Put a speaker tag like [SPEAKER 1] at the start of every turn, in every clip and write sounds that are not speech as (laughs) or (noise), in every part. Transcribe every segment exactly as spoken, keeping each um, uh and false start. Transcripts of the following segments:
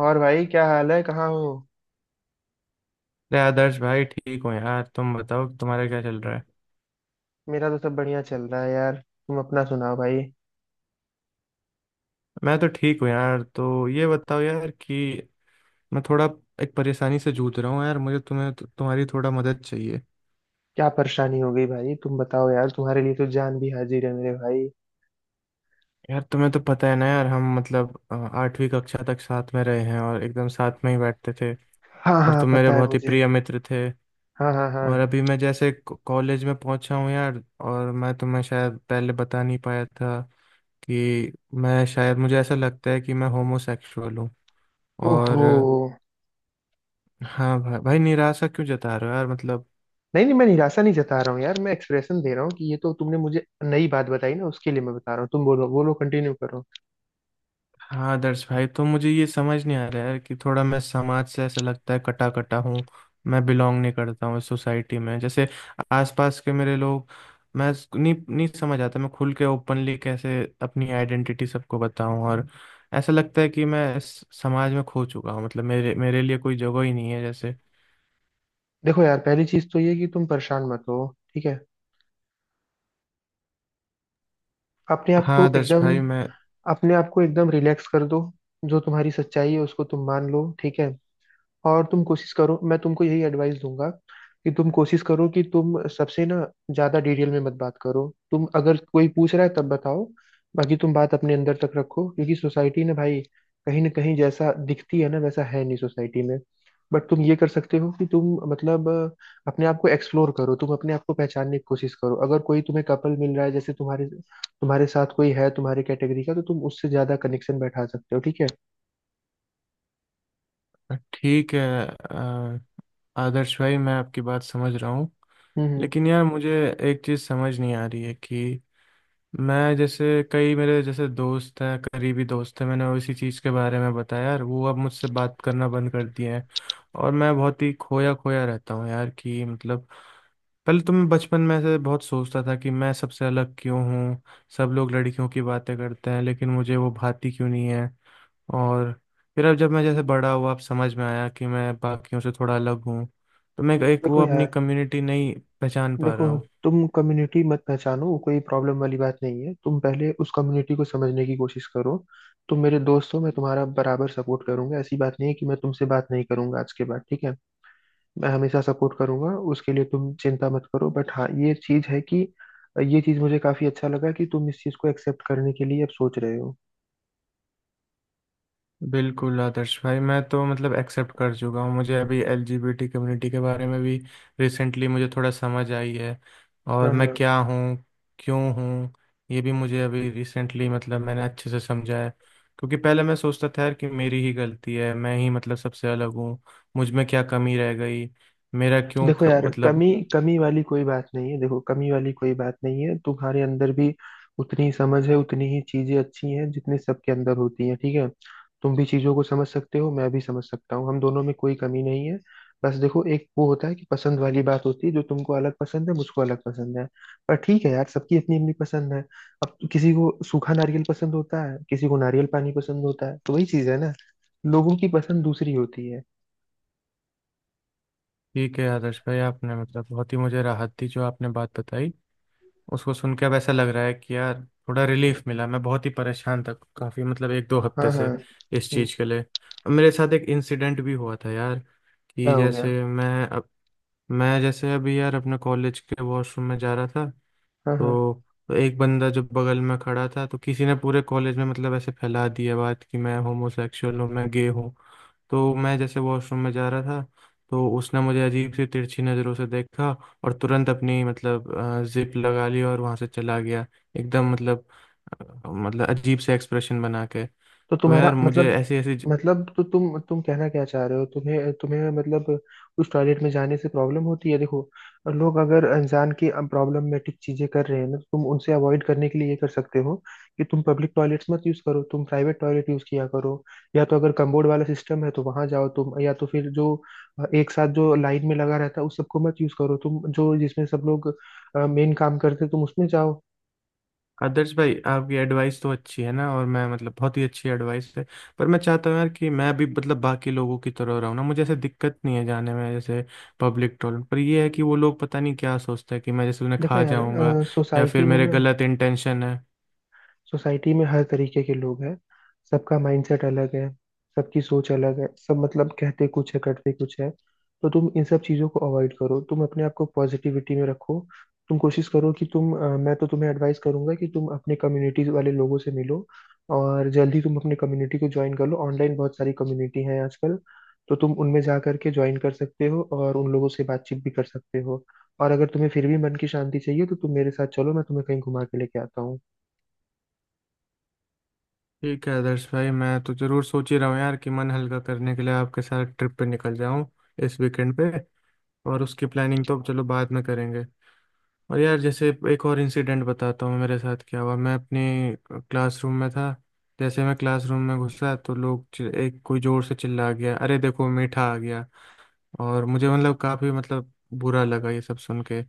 [SPEAKER 1] और भाई क्या हाल है? कहाँ हो?
[SPEAKER 2] अरे आदर्श भाई, ठीक हो? यार तुम बताओ, तुम्हारा क्या चल रहा है।
[SPEAKER 1] मेरा तो सब बढ़िया चल रहा है यार। तुम अपना सुनाओ भाई।
[SPEAKER 2] मैं तो ठीक हूँ यार। तो ये बताओ यार कि मैं थोड़ा एक परेशानी से जूझ रहा हूँ यार। मुझे तुम्हें तो, तुम्हारी थोड़ा मदद चाहिए।
[SPEAKER 1] क्या परेशानी हो गई भाई? तुम बताओ यार, तुम्हारे लिए तो जान भी हाजिर है मेरे भाई।
[SPEAKER 2] यार तुम्हें तो पता है ना यार, हम मतलब अ, आठवीं कक्षा तक साथ में रहे हैं और एकदम साथ में ही बैठते थे।
[SPEAKER 1] हाँ
[SPEAKER 2] और
[SPEAKER 1] हाँ,
[SPEAKER 2] तुम मेरे
[SPEAKER 1] पता है
[SPEAKER 2] बहुत ही
[SPEAKER 1] मुझे।
[SPEAKER 2] प्रिय मित्र थे।
[SPEAKER 1] हाँ हाँ हाँ।
[SPEAKER 2] और अभी मैं जैसे क- कॉलेज में पहुंचा हूँ यार। और मैं तुम्हें शायद पहले बता नहीं पाया था कि मैं शायद, मुझे ऐसा लगता है कि मैं होमोसेक्सुअल हूँ। और
[SPEAKER 1] ओहो।
[SPEAKER 2] हाँ भाई, भाई निराशा क्यों जता रहे हो यार? मतलब।
[SPEAKER 1] नहीं नहीं, मैं निराशा नहीं जता रहा हूँ यार, मैं एक्सप्रेशन दे रहा हूँ कि ये तो तुमने मुझे नई बात बताई ना, उसके लिए मैं बता रहा हूँ। तुम बोलो, बोलो, कंटिन्यू करो।
[SPEAKER 2] हाँ आदर्श भाई, तो मुझे ये समझ नहीं आ रहा है कि थोड़ा मैं समाज से, ऐसा लगता है कटा कटा हूँ। मैं बिलोंग नहीं करता हूँ इस सोसाइटी में, जैसे आसपास के मेरे लोग। मैं स- नहीं नहीं समझ आता, मैं खुल के ओपनली कैसे अपनी आइडेंटिटी सबको बताऊं। और ऐसा लगता है कि मैं इस समाज में खो चुका हूँ, मतलब मेरे मेरे लिए कोई जगह ही नहीं है जैसे।
[SPEAKER 1] देखो यार, पहली चीज तो ये कि तुम परेशान मत हो। ठीक है। अपने आप
[SPEAKER 2] हाँ
[SPEAKER 1] को
[SPEAKER 2] आदर्श
[SPEAKER 1] एकदम,
[SPEAKER 2] भाई मैं।
[SPEAKER 1] अपने आप को एकदम रिलैक्स कर दो। जो तुम्हारी सच्चाई है उसको तुम मान लो, ठीक है। और तुम कोशिश करो, मैं तुमको यही एडवाइस दूंगा कि तुम कोशिश करो कि तुम सबसे ना ज्यादा डिटेल में मत बात करो। तुम अगर कोई पूछ रहा है तब बताओ, बाकी तुम बात अपने अंदर तक रखो। क्योंकि सोसाइटी ना भाई, कहीं ना कहीं जैसा दिखती है ना वैसा है नहीं सोसाइटी में। बट तुम ये कर सकते हो कि तुम मतलब अ, अपने आप को एक्सप्लोर करो, तुम अपने आप को पहचानने की कोशिश करो। अगर कोई तुम्हें कपल मिल रहा है जैसे तुम्हारे, तुम्हारे साथ कोई है तुम्हारे कैटेगरी का, तो तुम उससे ज्यादा कनेक्शन बैठा सकते हो। ठीक है।
[SPEAKER 2] ठीक है। अ, आदर्श भाई मैं आपकी बात समझ रहा हूँ।
[SPEAKER 1] हम्म हम्म।
[SPEAKER 2] लेकिन यार मुझे एक चीज़ समझ नहीं आ रही है कि मैं जैसे, कई मेरे जैसे दोस्त हैं, करीबी दोस्त हैं, मैंने वो इसी चीज़ के बारे में बताया यार, वो अब मुझसे बात करना बंद कर दिए हैं। और मैं बहुत ही खोया खोया रहता हूँ यार, कि मतलब पहले तो मैं बचपन में से बहुत सोचता था कि मैं सबसे अलग क्यों हूँ। सब लोग लड़कियों की बातें करते हैं लेकिन मुझे वो भाती क्यों नहीं है। और फिर अब जब मैं जैसे बड़ा हुआ, अब समझ में आया कि मैं बाकियों से थोड़ा अलग हूँ। तो मैं एक वो
[SPEAKER 1] देखो
[SPEAKER 2] अपनी
[SPEAKER 1] यार,
[SPEAKER 2] कम्युनिटी नहीं पहचान पा
[SPEAKER 1] देखो,
[SPEAKER 2] रहा हूँ।
[SPEAKER 1] तुम कम्युनिटी मत पहचानो, वो कोई प्रॉब्लम वाली बात नहीं है। तुम पहले उस कम्युनिटी को समझने की कोशिश करो। तुम मेरे दोस्त हो, मैं तुम्हारा बराबर सपोर्ट करूंगा। ऐसी बात नहीं है कि मैं तुमसे बात नहीं करूंगा आज के बाद, ठीक है। मैं हमेशा सपोर्ट करूंगा, उसके लिए तुम चिंता मत करो। बट हाँ, ये चीज है कि ये चीज मुझे काफी अच्छा लगा कि तुम इस चीज को एक्सेप्ट करने के लिए अब सोच रहे हो।
[SPEAKER 2] बिल्कुल आदर्श भाई, मैं तो मतलब एक्सेप्ट कर चुका हूँ। मुझे अभी एलजीबीटी कम्युनिटी के बारे में भी रिसेंटली मुझे थोड़ा समझ आई है। और
[SPEAKER 1] हाँ हाँ।
[SPEAKER 2] मैं क्या हूँ, क्यों हूँ, ये भी मुझे अभी रिसेंटली मतलब मैंने अच्छे से समझा है। क्योंकि पहले मैं सोचता था यार कि मेरी ही गलती है, मैं ही मतलब सबसे अलग हूँ। मुझ में क्या कमी रह गई, मेरा क्यों
[SPEAKER 1] देखो
[SPEAKER 2] ख...
[SPEAKER 1] यार,
[SPEAKER 2] मतलब।
[SPEAKER 1] कमी कमी वाली कोई बात नहीं है। देखो, कमी वाली कोई बात नहीं है। तुम्हारे अंदर भी उतनी ही समझ है, उतनी ही चीजें अच्छी हैं जितनी सबके अंदर होती हैं, ठीक है। तुम भी चीजों को समझ सकते हो, मैं भी समझ सकता हूँ, हम दोनों में कोई कमी नहीं है। बस देखो, एक वो होता है कि पसंद वाली बात होती है, जो तुमको अलग पसंद है, मुझको अलग पसंद है। पर ठीक है यार, सबकी अपनी अपनी पसंद है। अब किसी को सूखा नारियल पसंद होता है, किसी को नारियल पानी पसंद होता है, तो वही चीज है ना, लोगों की पसंद दूसरी होती है।
[SPEAKER 2] ठीक है आदर्श भाई, आपने मतलब बहुत ही मुझे राहत दी। जो आपने बात बताई उसको सुन के अब ऐसा लग रहा है कि यार थोड़ा रिलीफ मिला। मैं बहुत ही परेशान था, काफी मतलब एक दो हफ्ते
[SPEAKER 1] हाँ हाँ।
[SPEAKER 2] से इस
[SPEAKER 1] हम्म,
[SPEAKER 2] चीज के लिए। अब मेरे साथ एक इंसिडेंट भी हुआ था यार, कि
[SPEAKER 1] क्या हो गया?
[SPEAKER 2] जैसे मैं अब, मैं जैसे अभी यार अपने कॉलेज के वॉशरूम में जा रहा था।
[SPEAKER 1] हाँ हाँ।
[SPEAKER 2] तो तो एक बंदा जो बगल में खड़ा था, तो किसी ने पूरे कॉलेज में मतलब ऐसे फैला दिया बात कि मैं होमोसेक्सुअल हूँ, मैं गे हूँ। तो मैं जैसे वॉशरूम में जा रहा था, तो उसने मुझे अजीब सी तिरछी नज़रों से देखा। और तुरंत अपनी मतलब जिप लगा ली और वहां से चला गया। एकदम मतलब अ, मतलब अजीब से एक्सप्रेशन बना के।
[SPEAKER 1] तो
[SPEAKER 2] तो यार
[SPEAKER 1] तुम्हारा
[SPEAKER 2] मुझे
[SPEAKER 1] मतलब,
[SPEAKER 2] ऐसी ऐसी।
[SPEAKER 1] मतलब तो तुम तुम कहना क्या चाह रहे हो? तुम्हें, तुम्हें मतलब उस टॉयलेट में जाने से प्रॉब्लम होती है? देखो, लोग अगर अनजान की प्रॉब्लमेटिक चीजें कर रहे हैं ना, तो तुम उनसे अवॉइड करने के लिए ये कर सकते हो कि तुम पब्लिक टॉयलेट्स मत यूज करो, तुम प्राइवेट टॉयलेट यूज किया करो। या तो अगर कम्बोर्ड वाला सिस्टम है तो वहां जाओ तुम, या तो फिर जो एक साथ जो लाइन में लगा रहता है उस सबको मत यूज करो। तुम जो जिसमें सब लोग मेन काम करते हैं, तुम उसमें जाओ।
[SPEAKER 2] आदर्श भाई आपकी एडवाइस तो अच्छी है ना, और मैं मतलब बहुत ही अच्छी एडवाइस है। पर मैं चाहता हूँ यार कि मैं भी मतलब बाकी लोगों की तरह रहूँ ना, मुझे ऐसे दिक्कत नहीं है जाने में। जैसे पब्लिक टॉयलेट पर ये है कि वो लोग पता नहीं क्या सोचते हैं, कि मैं जैसे उन्हें
[SPEAKER 1] देखो
[SPEAKER 2] खा
[SPEAKER 1] यार,
[SPEAKER 2] जाऊंगा या फिर
[SPEAKER 1] सोसाइटी में
[SPEAKER 2] मेरे
[SPEAKER 1] ना,
[SPEAKER 2] गलत इंटेंशन है।
[SPEAKER 1] सोसाइटी में हर तरीके के लोग हैं। सबका माइंडसेट अलग है, सबकी सोच अलग है, सब मतलब कहते कुछ है करते कुछ है। तो तुम इन सब चीज़ों को अवॉइड करो, तुम अपने आप को पॉजिटिविटी में रखो। तुम कोशिश करो कि तुम अ, मैं तो तुम्हें एडवाइस करूंगा कि तुम अपने कम्युनिटीज वाले लोगों से मिलो, और जल्दी तुम अपने कम्युनिटी को ज्वाइन कर लो। ऑनलाइन बहुत सारी कम्युनिटी हैं आजकल, तो तुम उनमें जा करके ज्वाइन कर सकते हो और उन लोगों से बातचीत भी कर सकते हो। और अगर तुम्हें फिर भी मन की शांति चाहिए तो तुम मेरे साथ चलो, मैं तुम्हें कहीं घुमा के लेके आता हूँ।
[SPEAKER 2] ठीक है आदर्श भाई, मैं तो जरूर सोच ही रहा हूँ यार कि मन हल्का करने के लिए आपके साथ ट्रिप पे निकल जाऊँ इस वीकेंड पे। और उसकी प्लानिंग तो चलो बाद में करेंगे। और यार, जैसे एक और इंसिडेंट बताता हूँ मेरे साथ क्या हुआ। मैं अपनी क्लासरूम में था, जैसे मैं क्लासरूम में घुसा तो लोग चि- एक कोई जोर से चिल्ला गया, अरे देखो मीठा आ गया। और मुझे मतलब काफ़ी मतलब बुरा लगा ये सब सुन के।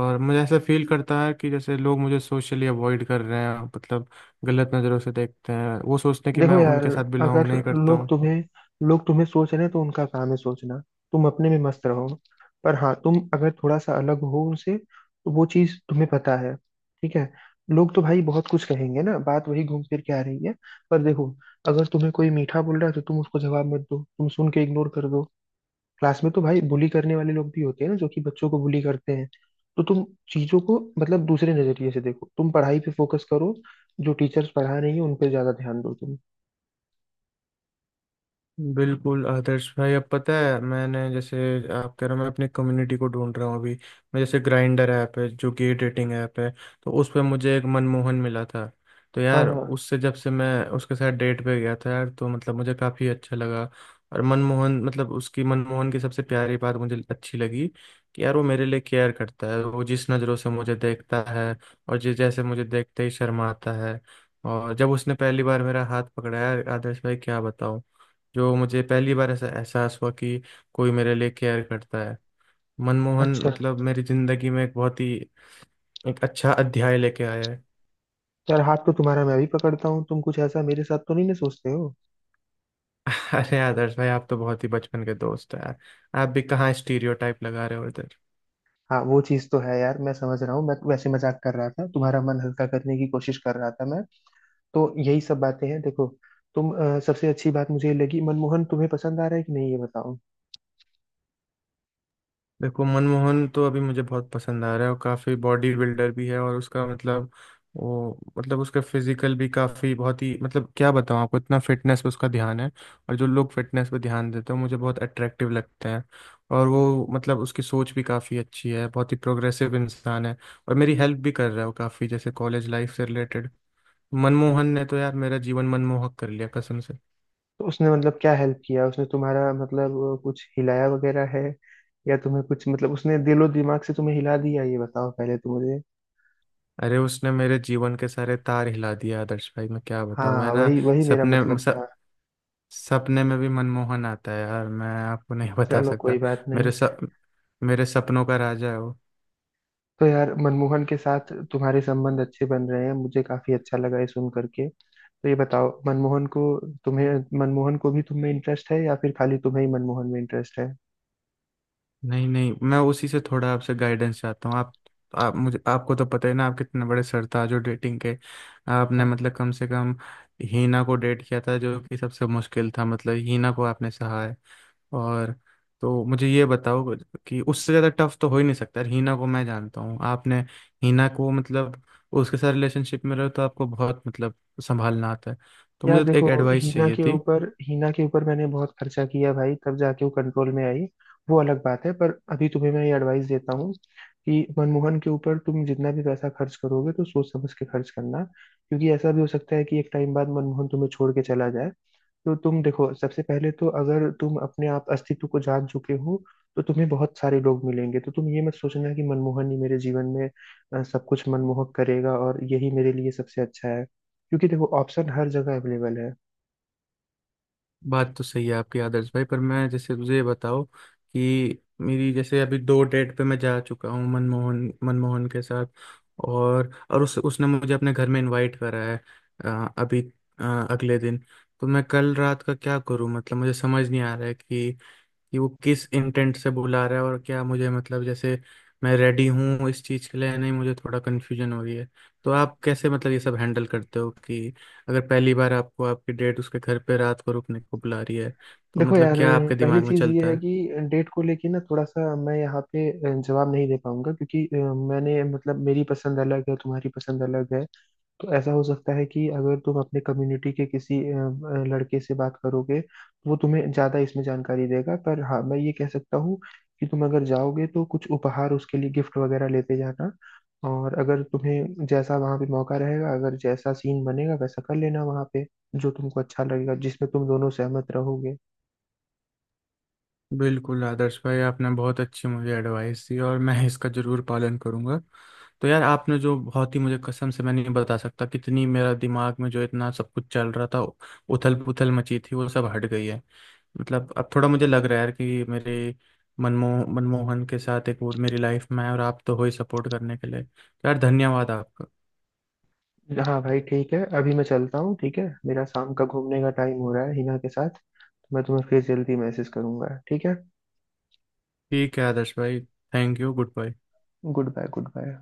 [SPEAKER 2] और मुझे ऐसा फील करता है कि जैसे लोग मुझे सोशली अवॉइड कर रहे हैं, मतलब गलत नज़रों से देखते हैं। वो सोचते हैं कि मैं
[SPEAKER 1] देखो यार,
[SPEAKER 2] उनके साथ
[SPEAKER 1] अगर
[SPEAKER 2] बिलोंग नहीं करता
[SPEAKER 1] लोग
[SPEAKER 2] हूँ।
[SPEAKER 1] तुम्हें लोग तुम्हें सोच रहे हैं तो उनका काम है सोचना, तुम अपने में मस्त रहो। पर हाँ, तुम अगर थोड़ा सा अलग हो उनसे तो वो चीज तुम्हें पता है, ठीक है। लोग तो भाई बहुत कुछ कहेंगे ना, बात वही घूम फिर के आ रही है। पर देखो, अगर तुम्हें कोई मीठा बोल रहा है तो तुम उसको जवाब मत दो, तुम सुन के इग्नोर कर दो। क्लास में तो भाई बुली करने वाले लोग भी होते हैं ना, जो कि बच्चों को बुली करते हैं। तो तुम चीजों को मतलब दूसरे नजरिए से देखो, तुम पढ़ाई पे फोकस करो। जो टीचर्स पढ़ा रही हैं उन पे ज्यादा ध्यान दो तुम।
[SPEAKER 2] बिल्कुल आदर्श भाई, अब पता है मैंने जैसे, आप कह रहे हो मैं अपनी कम्युनिटी को ढूंढ रहा हूँ अभी। मैं जैसे, ग्राइंडर ऐप है जो गे डेटिंग ऐप है, तो उस पर मुझे एक मनमोहन मिला था। तो
[SPEAKER 1] हाँ
[SPEAKER 2] यार
[SPEAKER 1] हाँ।
[SPEAKER 2] उससे जब से मैं उसके साथ डेट पे गया था यार, तो मतलब मुझे काफ़ी अच्छा लगा। और मनमोहन मतलब, उसकी मनमोहन की सबसे प्यारी बात मुझे अच्छी लगी कि यार वो मेरे लिए केयर करता है। वो जिस नज़रों से मुझे देखता है, और जिस जैसे मुझे देखते ही शर्माता है। और जब उसने पहली बार मेरा हाथ पकड़ाया, आदर्श भाई क्या बताऊं। जो मुझे पहली बार ऐसा एहसास हुआ कि कोई मेरे लिए केयर करता है। मनमोहन
[SPEAKER 1] अच्छा।
[SPEAKER 2] मतलब मेरी जिंदगी में एक बहुत ही, एक अच्छा अध्याय लेके आया है।
[SPEAKER 1] यार हाथ तो तुम्हारा मैं भी पकड़ता हूँ, तुम कुछ ऐसा मेरे साथ तो नहीं ना सोचते हो?
[SPEAKER 2] (laughs) अरे आदर्श भाई, आप तो बहुत ही बचपन के दोस्त हो यार। आप भी कहाँ स्टीरियोटाइप लगा रहे हो।
[SPEAKER 1] हाँ वो चीज़ तो है यार, मैं समझ रहा हूँ। मैं वैसे मजाक कर रहा था, तुम्हारा मन हल्का करने की कोशिश कर रहा था मैं। तो यही सब बातें हैं देखो। तुम अ, सबसे अच्छी बात मुझे ये लगी, मनमोहन तुम्हें पसंद आ रहा है कि नहीं, ये बताओ।
[SPEAKER 2] देखो मनमोहन तो अभी मुझे बहुत पसंद आ रहा है, और काफ़ी बॉडी बिल्डर भी है। और उसका मतलब वो मतलब उसका फिजिकल भी काफ़ी बहुत ही मतलब क्या बताऊँ आपको, इतना फिटनेस पे उसका ध्यान है। और जो लोग फिटनेस पे ध्यान देते हैं मुझे बहुत अट्रैक्टिव लगते हैं। और वो मतलब उसकी सोच भी काफ़ी अच्छी है, बहुत ही प्रोग्रेसिव इंसान है। और मेरी हेल्प भी कर रहा है वो काफ़ी, जैसे कॉलेज लाइफ से रिलेटेड। मनमोहन ने तो यार मेरा जीवन मनमोहक कर लिया कसम से।
[SPEAKER 1] तो उसने मतलब क्या हेल्प किया? उसने तुम्हारा मतलब अ, कुछ हिलाया वगैरह है, या तुम्हें कुछ मतलब उसने दिलो दिमाग से तुम्हें हिला दिया, ये बताओ पहले तो मुझे।
[SPEAKER 2] अरे उसने मेरे जीवन के सारे तार हिला दिया आदर्श भाई, मैं क्या
[SPEAKER 1] हाँ
[SPEAKER 2] बताऊँ। मैं
[SPEAKER 1] हाँ,
[SPEAKER 2] ना
[SPEAKER 1] वही वही मेरा
[SPEAKER 2] सपने
[SPEAKER 1] मतलब
[SPEAKER 2] स,
[SPEAKER 1] था।
[SPEAKER 2] सपने में भी मनमोहन आता है यार, मैं आपको नहीं (laughs) बता
[SPEAKER 1] चलो कोई
[SPEAKER 2] सकता।
[SPEAKER 1] बात
[SPEAKER 2] मेरे
[SPEAKER 1] नहीं।
[SPEAKER 2] सप मेरे सपनों का राजा है वो।
[SPEAKER 1] तो यार मनमोहन के साथ तुम्हारे संबंध अच्छे बन रहे हैं, मुझे काफी अच्छा लगा ये सुन करके। तो ये बताओ, मनमोहन को तुम्हें मनमोहन को भी तुम्हें इंटरेस्ट है, या फिर खाली तुम्हें ही मनमोहन में इंटरेस्ट है?
[SPEAKER 2] नहीं नहीं, मैं उसी से थोड़ा आपसे गाइडेंस चाहता हूँ। आप आप मुझे, आपको तो पता ही ना आप कितने बड़े सरताज हो डेटिंग के। आपने
[SPEAKER 1] हाँ।
[SPEAKER 2] मतलब कम से कम हीना को डेट किया था, जो कि सबसे मुश्किल था। मतलब हीना को आपने सहा है। और तो मुझे ये बताओ कि उससे ज़्यादा टफ तो हो ही नहीं सकता यार, हीना को मैं जानता हूँ, आपने हीना को मतलब, उसके साथ रिलेशनशिप में रहो तो आपको बहुत मतलब संभालना आता है। तो
[SPEAKER 1] यार
[SPEAKER 2] मुझे तो
[SPEAKER 1] देखो,
[SPEAKER 2] एक एडवाइस
[SPEAKER 1] हीना
[SPEAKER 2] चाहिए
[SPEAKER 1] के
[SPEAKER 2] थी।
[SPEAKER 1] ऊपर हीना के ऊपर मैंने बहुत खर्चा किया भाई, तब जाके वो कंट्रोल में आई। वो अलग बात है, पर अभी तुम्हें मैं ये एडवाइस देता हूँ कि मनमोहन के ऊपर तुम जितना भी पैसा खर्च करोगे तो सोच समझ के खर्च करना, क्योंकि ऐसा भी हो सकता है कि एक टाइम बाद मनमोहन तुम्हें छोड़ के चला जाए। तो तुम देखो, सबसे पहले तो अगर तुम अपने आप अस्तित्व को जान चुके हो तो तुम्हें बहुत सारे लोग मिलेंगे। तो तुम ये मत सोचना कि मनमोहन ही मेरे जीवन में अ, सब कुछ मनमोहक करेगा और यही मेरे लिए सबसे अच्छा है, क्योंकि देखो ऑप्शन हर जगह अवेलेबल है।
[SPEAKER 2] बात तो सही है आपकी आदर्श भाई, पर मैं जैसे तुझे ये बताओ कि मेरी जैसे अभी दो डेट पे मैं जा चुका हूँ मनमोहन, मनमोहन के साथ। और और उस उसने मुझे अपने घर में इनवाइट करा है। अ, अभी अ, अगले दिन। तो मैं कल रात का क्या करूं, मतलब मुझे समझ नहीं आ रहा है कि कि वो किस इंटेंट से बुला रहा है, और क्या मुझे मतलब जैसे मैं रेडी हूँ इस चीज़ के लिए या नहीं। मुझे थोड़ा कन्फ्यूजन हो रही है। तो आप कैसे मतलब ये सब हैंडल करते हो कि अगर पहली बार आपको आपकी डेट उसके घर पे रात को रुकने को बुला रही है, तो
[SPEAKER 1] देखो
[SPEAKER 2] मतलब
[SPEAKER 1] यार,
[SPEAKER 2] क्या आपके
[SPEAKER 1] पहली
[SPEAKER 2] दिमाग में
[SPEAKER 1] चीज ये
[SPEAKER 2] चलता
[SPEAKER 1] है
[SPEAKER 2] है।
[SPEAKER 1] कि डेट को लेके ना थोड़ा सा मैं यहाँ पे अ, जवाब नहीं दे पाऊंगा, क्योंकि अ, मैंने मतलब मेरी पसंद अलग है, तुम्हारी पसंद अलग है। तो ऐसा हो सकता है कि अगर तुम अपने कम्युनिटी के किसी अ, अ, लड़के से बात करोगे तो वो तुम्हें ज्यादा इसमें जानकारी देगा। पर हाँ, मैं ये कह सकता हूँ कि तुम अगर जाओगे तो कुछ उपहार उसके लिए, गिफ्ट वगैरह लेते जाना। और अगर तुम्हें जैसा वहां पे मौका रहेगा, अगर जैसा सीन बनेगा वैसा कर लेना वहां पे, जो तुमको अच्छा लगेगा जिसमें तुम दोनों सहमत रहोगे।
[SPEAKER 2] बिल्कुल आदर्श भाई, आपने बहुत अच्छी मुझे एडवाइस दी और मैं इसका ज़रूर पालन करूंगा। तो यार आपने जो बहुत ही मुझे, कसम से मैं नहीं बता सकता कितनी, मेरा दिमाग में जो इतना सब कुछ चल रहा था, उथल पुथल मची थी, वो सब हट गई है। मतलब अब थोड़ा मुझे लग रहा है यार कि मेरे मनमोह मनमोहन के साथ एक और मेरी लाइफ में है। और आप तो हो ही सपोर्ट करने के लिए, तो यार धन्यवाद आपका।
[SPEAKER 1] हाँ भाई, ठीक है अभी मैं चलता हूँ। ठीक है, मेरा शाम का घूमने का टाइम हो रहा है हिना के साथ। तो मैं तुम्हें फिर जल्दी मैसेज करूंगा, ठीक है।
[SPEAKER 2] ठीक है आदर्श भाई, thank you, good bye.
[SPEAKER 1] Good bye. Good bye.